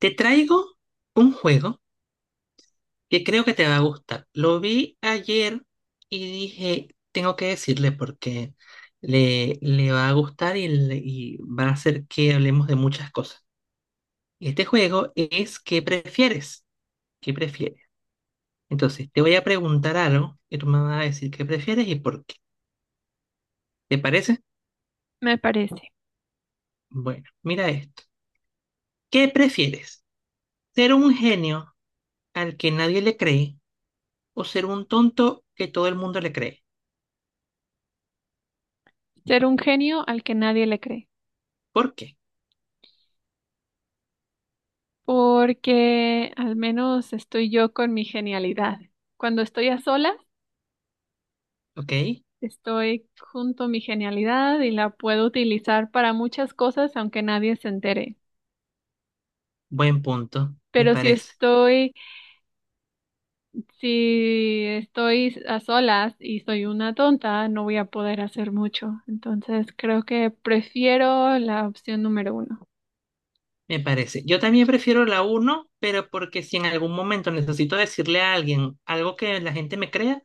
Te traigo un juego que creo que te va a gustar. Lo vi ayer y dije, tengo que decirle porque le va a gustar y, va a hacer que hablemos de muchas cosas. Este juego es ¿qué prefieres? ¿Qué prefieres? Entonces, te voy a preguntar algo y tú me vas a decir qué prefieres y por qué. ¿Te parece? Me parece Bueno, mira esto. ¿Qué prefieres? ¿Ser un genio al que nadie le cree o ser un tonto que todo el mundo le cree? ser un genio al que nadie le cree, ¿Por qué? porque al menos estoy yo con mi genialidad. Cuando estoy a solas, ¿Ok? estoy junto a mi genialidad y la puedo utilizar para muchas cosas aunque nadie se entere. Buen punto, me Pero si parece, estoy, si estoy a solas y soy una tonta, no voy a poder hacer mucho. Entonces creo que prefiero la opción número uno. me parece. Yo también prefiero la uno pero porque si en algún momento necesito decirle a alguien algo que la gente me crea,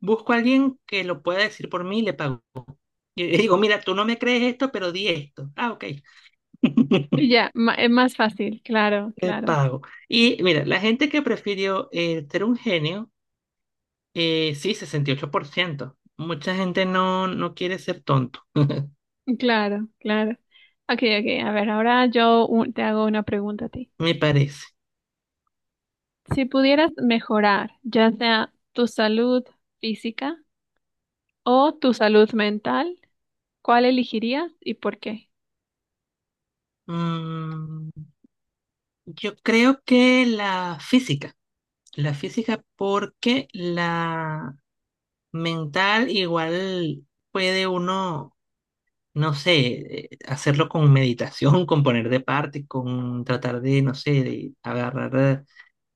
busco a alguien que lo pueda decir por mí y le pago. Y digo, mira, tú no me crees esto, pero di esto. Ah, ok. Y ya, es más fácil, claro, Le claro. pago. Y mira, la gente que prefirió ser un genio, sí, 68%. Mucha gente no quiere ser tonto. Claro, claro. Ok, ok. A ver, ahora yo te hago una pregunta a ti. Me parece. Si pudieras mejorar, ya sea tu salud física o tu salud mental, ¿cuál elegirías y por qué? Mm, yo creo que la física. La física porque la mental igual puede uno, no sé, hacerlo con meditación, con poner de parte, con tratar de, no sé, de agarrar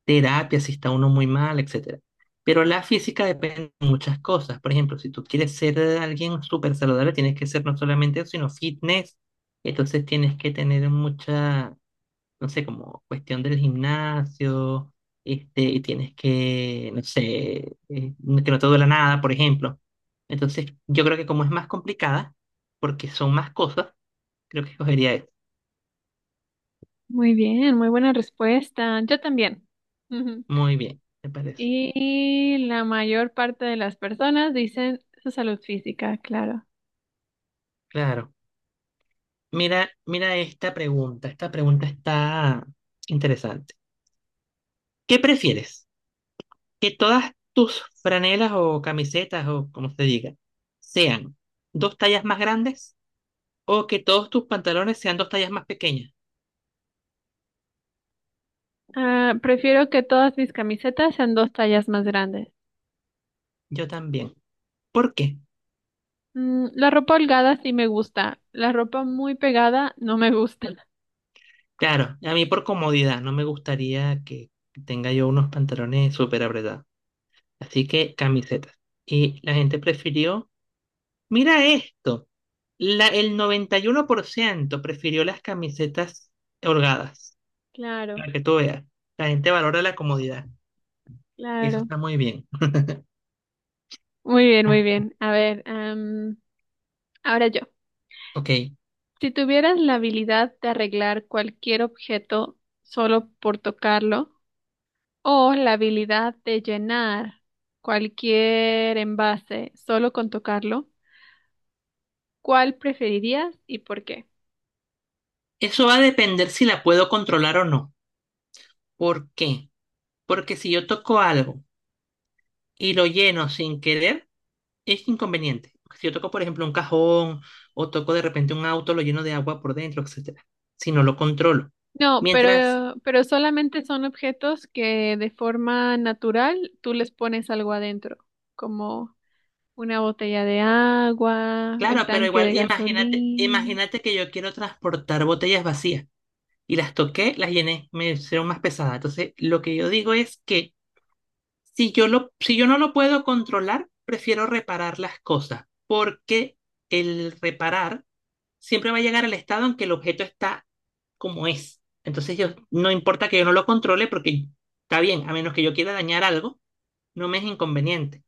terapia si está uno muy mal, etcétera. Pero la física depende de muchas cosas. Por ejemplo, si tú quieres ser alguien súper saludable, tienes que ser no solamente eso, sino fitness. Entonces tienes que tener mucha, no sé, como cuestión del gimnasio, este, y tienes que, no sé, que no te duela nada, por ejemplo. Entonces, yo creo que como es más complicada, porque son más cosas, creo que escogería eso. Muy bien, muy buena respuesta. Yo también. Ujú. Muy bien, me parece. Y la mayor parte de las personas dicen su salud física, claro. Claro. Mira esta pregunta. Esta pregunta está interesante. ¿Qué prefieres? ¿Que todas tus franelas o camisetas o como se diga sean dos tallas más grandes o que todos tus pantalones sean dos tallas más pequeñas? Ah, prefiero que todas mis camisetas sean dos tallas más grandes. Yo también. ¿Por qué? La ropa holgada sí me gusta, la ropa muy pegada no me gusta. Claro, a mí por comodidad, no me gustaría que tenga yo unos pantalones súper apretados. Así que camisetas. Y la gente prefirió, mira esto, el 91% prefirió las camisetas holgadas, Claro, para que tú veas. La gente valora la comodidad. Eso claro. está muy bien. Muy bien, muy bien. A ver, ahora yo. Ok. Si tuvieras la habilidad de arreglar cualquier objeto solo por tocarlo, o la habilidad de llenar cualquier envase solo con tocarlo, ¿cuál preferirías y por qué? Eso va a depender si la puedo controlar o no. ¿Por qué? Porque si yo toco algo y lo lleno sin querer, es inconveniente. Porque si yo toco, por ejemplo, un cajón o toco de repente un auto, lo lleno de agua por dentro, etcétera. Si no lo controlo. No, Mientras, pero solamente son objetos que de forma natural tú les pones algo adentro, como una botella de agua, el claro, pero tanque de igual imagínate, gasolina. imagínate que yo quiero transportar botellas vacías y las toqué, las llené, me hicieron más pesadas. Entonces, lo que yo digo es que si yo no lo puedo controlar, prefiero reparar las cosas, porque el reparar siempre va a llegar al estado en que el objeto está como es. Entonces yo, no importa que yo no lo controle porque está bien, a menos que yo quiera dañar algo, no me es inconveniente.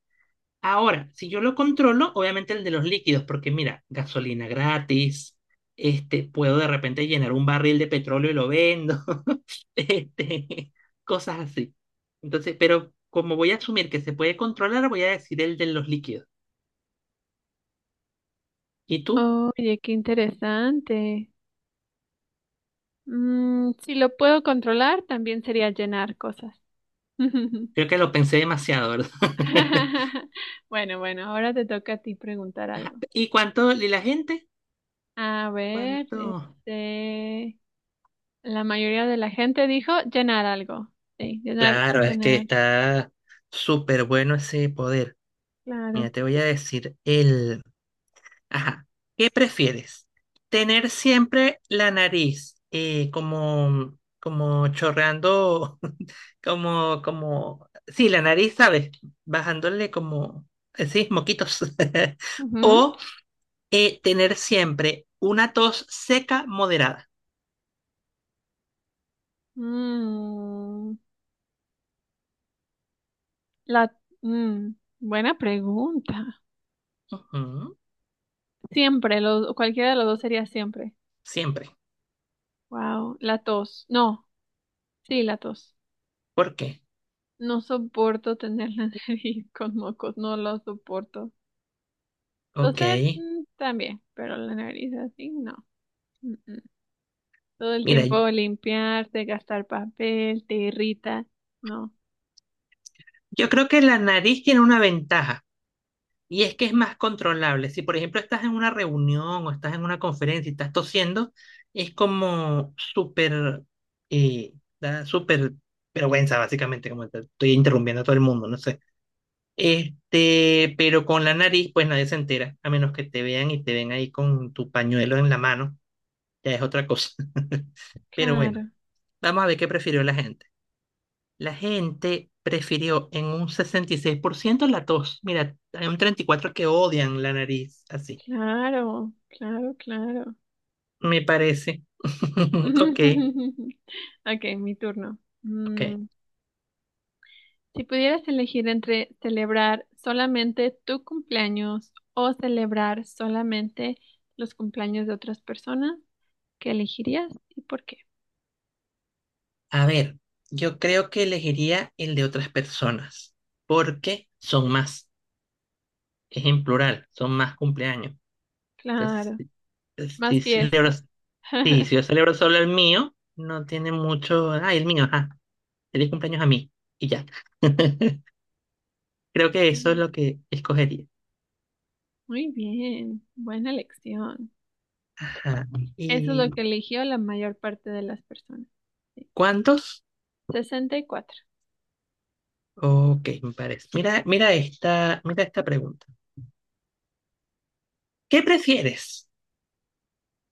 Ahora, si yo lo controlo, obviamente el de los líquidos, porque mira, gasolina gratis, este, puedo de repente llenar un barril de petróleo y lo vendo, este, cosas así. Entonces, pero como voy a asumir que se puede controlar, voy a decir el de los líquidos. ¿Y tú? Oye, qué interesante. Si lo puedo controlar, también sería llenar cosas. Creo que lo pensé demasiado, ¿verdad? Bueno, bueno, ahora te toca a ti preguntar algo. ¿Y cuánto? ¿Y la gente? A ver, ¿Cuánto? este, la mayoría de la gente dijo llenar algo. Sí, llenar, Claro, es que llenar. está súper bueno ese poder. Claro. Mira, te voy a decir el... Ajá, ¿qué prefieres? ¿Tener siempre la nariz como, como chorreando, como, como... Sí, la nariz, ¿sabes? Bajándole como... sí, moquitos. Ujú. O tener siempre una tos seca moderada. Mm, la, mm, Buena pregunta. Ujú, Siempre, cualquiera de los dos sería siempre. siempre. Wow, la tos. No, sí, la tos. ¿Por qué? No soporto tener la nariz con mocos, no lo soporto. Ok. Toser, también, pero la nariz así, no. Mm, mm. Todo el Mira, tiempo limpiarte, gastar papel, te irrita. No. yo creo que la nariz tiene una ventaja y es que es más controlable. Si, por ejemplo, estás en una reunión o estás en una conferencia y estás tosiendo, es como súper, eh, da súper vergüenza, básicamente, como estoy interrumpiendo a todo el mundo, no sé. Este, pero con la nariz, pues nadie se entera, a menos que te vean y te ven ahí con tu pañuelo en la mano, ya es otra cosa. Pero bueno, Claro, vamos a ver qué prefirió la gente. La gente prefirió en un 66% la tos. Mira, hay un 34% que odian la nariz, así, claro, claro, claro. me parece. Ok, Ok, mi turno. ok. Mm, si pudieras elegir entre celebrar solamente tu cumpleaños o celebrar solamente los cumpleaños de otras personas, ¿qué elegirías y por qué? A ver, yo creo que elegiría el de otras personas, porque son más, es en plural, son más cumpleaños. Entonces, Claro, más si celebro, fiesta. sí, si yo celebro solo el mío, no tiene mucho, ah, el mío, ajá, feliz cumpleaños a mí, y ya. Creo que eso es Mm, lo que escogería. Muy bien, buena elección. Ajá. Eso es lo ¿Y que eligió la mayor parte de las personas, sí. cuántos? 64. Ok, me parece. Mira esta pregunta. ¿Qué prefieres?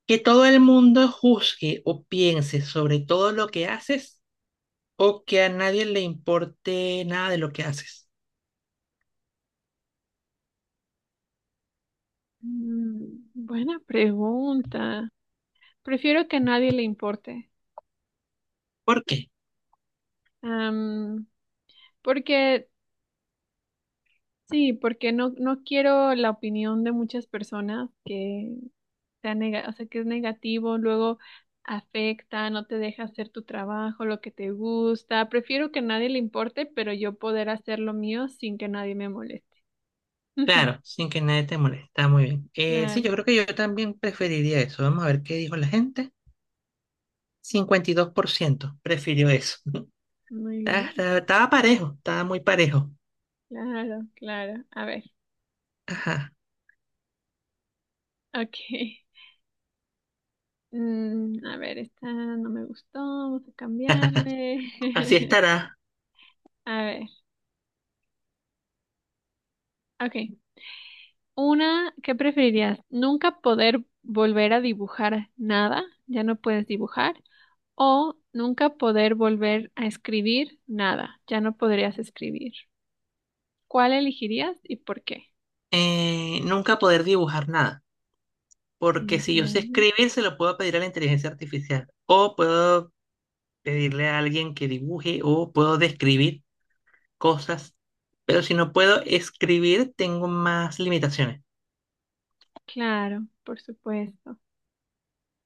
¿Que todo el mundo juzgue o piense sobre todo lo que haces o que a nadie le importe nada de lo que haces? Mm, buena pregunta. Prefiero que a nadie le importe. ¿Por qué? Am, porque, sí, porque no quiero la opinión de muchas personas que sea o sea, que es negativo, luego afecta, no te deja hacer tu trabajo, lo que te gusta. Prefiero que a nadie le importe, pero yo poder hacer lo mío sin que nadie me moleste. Claro, sin que nadie te moleste. Está muy bien. Sí, Claro, yo creo que yo también preferiría eso. Vamos a ver qué dijo la gente. 52% prefirió eso. muy bien, Estaba parejo, estaba muy parejo. claro, claro. A ver, Ajá. ok. Mm, a ver, esta no me gustó, vamos a Así cambiarle. estará. A ver, ok. Una, ¿qué preferirías? ¿Nunca poder volver a dibujar nada? Ya no puedes dibujar. ¿O nunca poder volver a escribir nada? Ya no podrías escribir. ¿Cuál elegirías y por qué? Nunca poder dibujar nada, porque ¿En si yo sé serio? escribir, se lo puedo pedir a la inteligencia artificial, o puedo pedirle a alguien que dibuje, o puedo describir cosas, pero si no puedo escribir, tengo más limitaciones. Claro, por supuesto.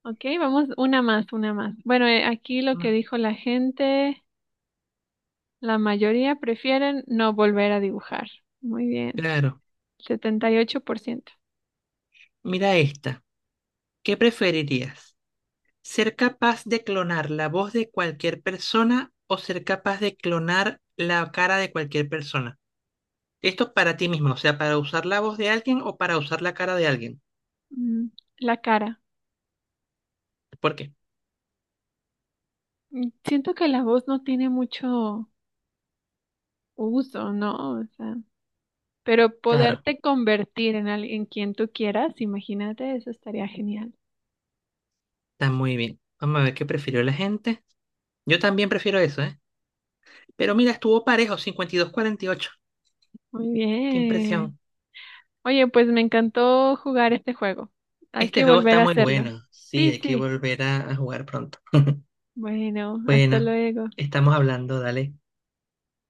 Ok, vamos una más, una más. Bueno, aquí lo que Ah, dijo la gente, la mayoría prefieren no volver a dibujar. Muy bien, claro, 78%. mira esta. ¿Qué preferirías? ¿Ser capaz de clonar la voz de cualquier persona o ser capaz de clonar la cara de cualquier persona? Esto para ti mismo, o sea, para usar la voz de alguien o para usar la cara de alguien. Mm, la cara. ¿Por qué? Siento que la voz no tiene mucho uso, ¿no? O sea, pero Claro. poderte convertir en alguien quien tú quieras, imagínate, eso estaría genial. Está muy bien. Vamos a ver qué prefirió la gente. Yo también prefiero eso, ¿eh? Pero mira, estuvo parejo, 52-48. Muy Qué bien. impresión. Oye, pues me encantó jugar este juego. Hay que Este juego volver está a muy hacerlo. bueno. Sí, Sí, hay que sí. volver a jugar pronto. Bueno, hasta Bueno, luego. estamos hablando, dale.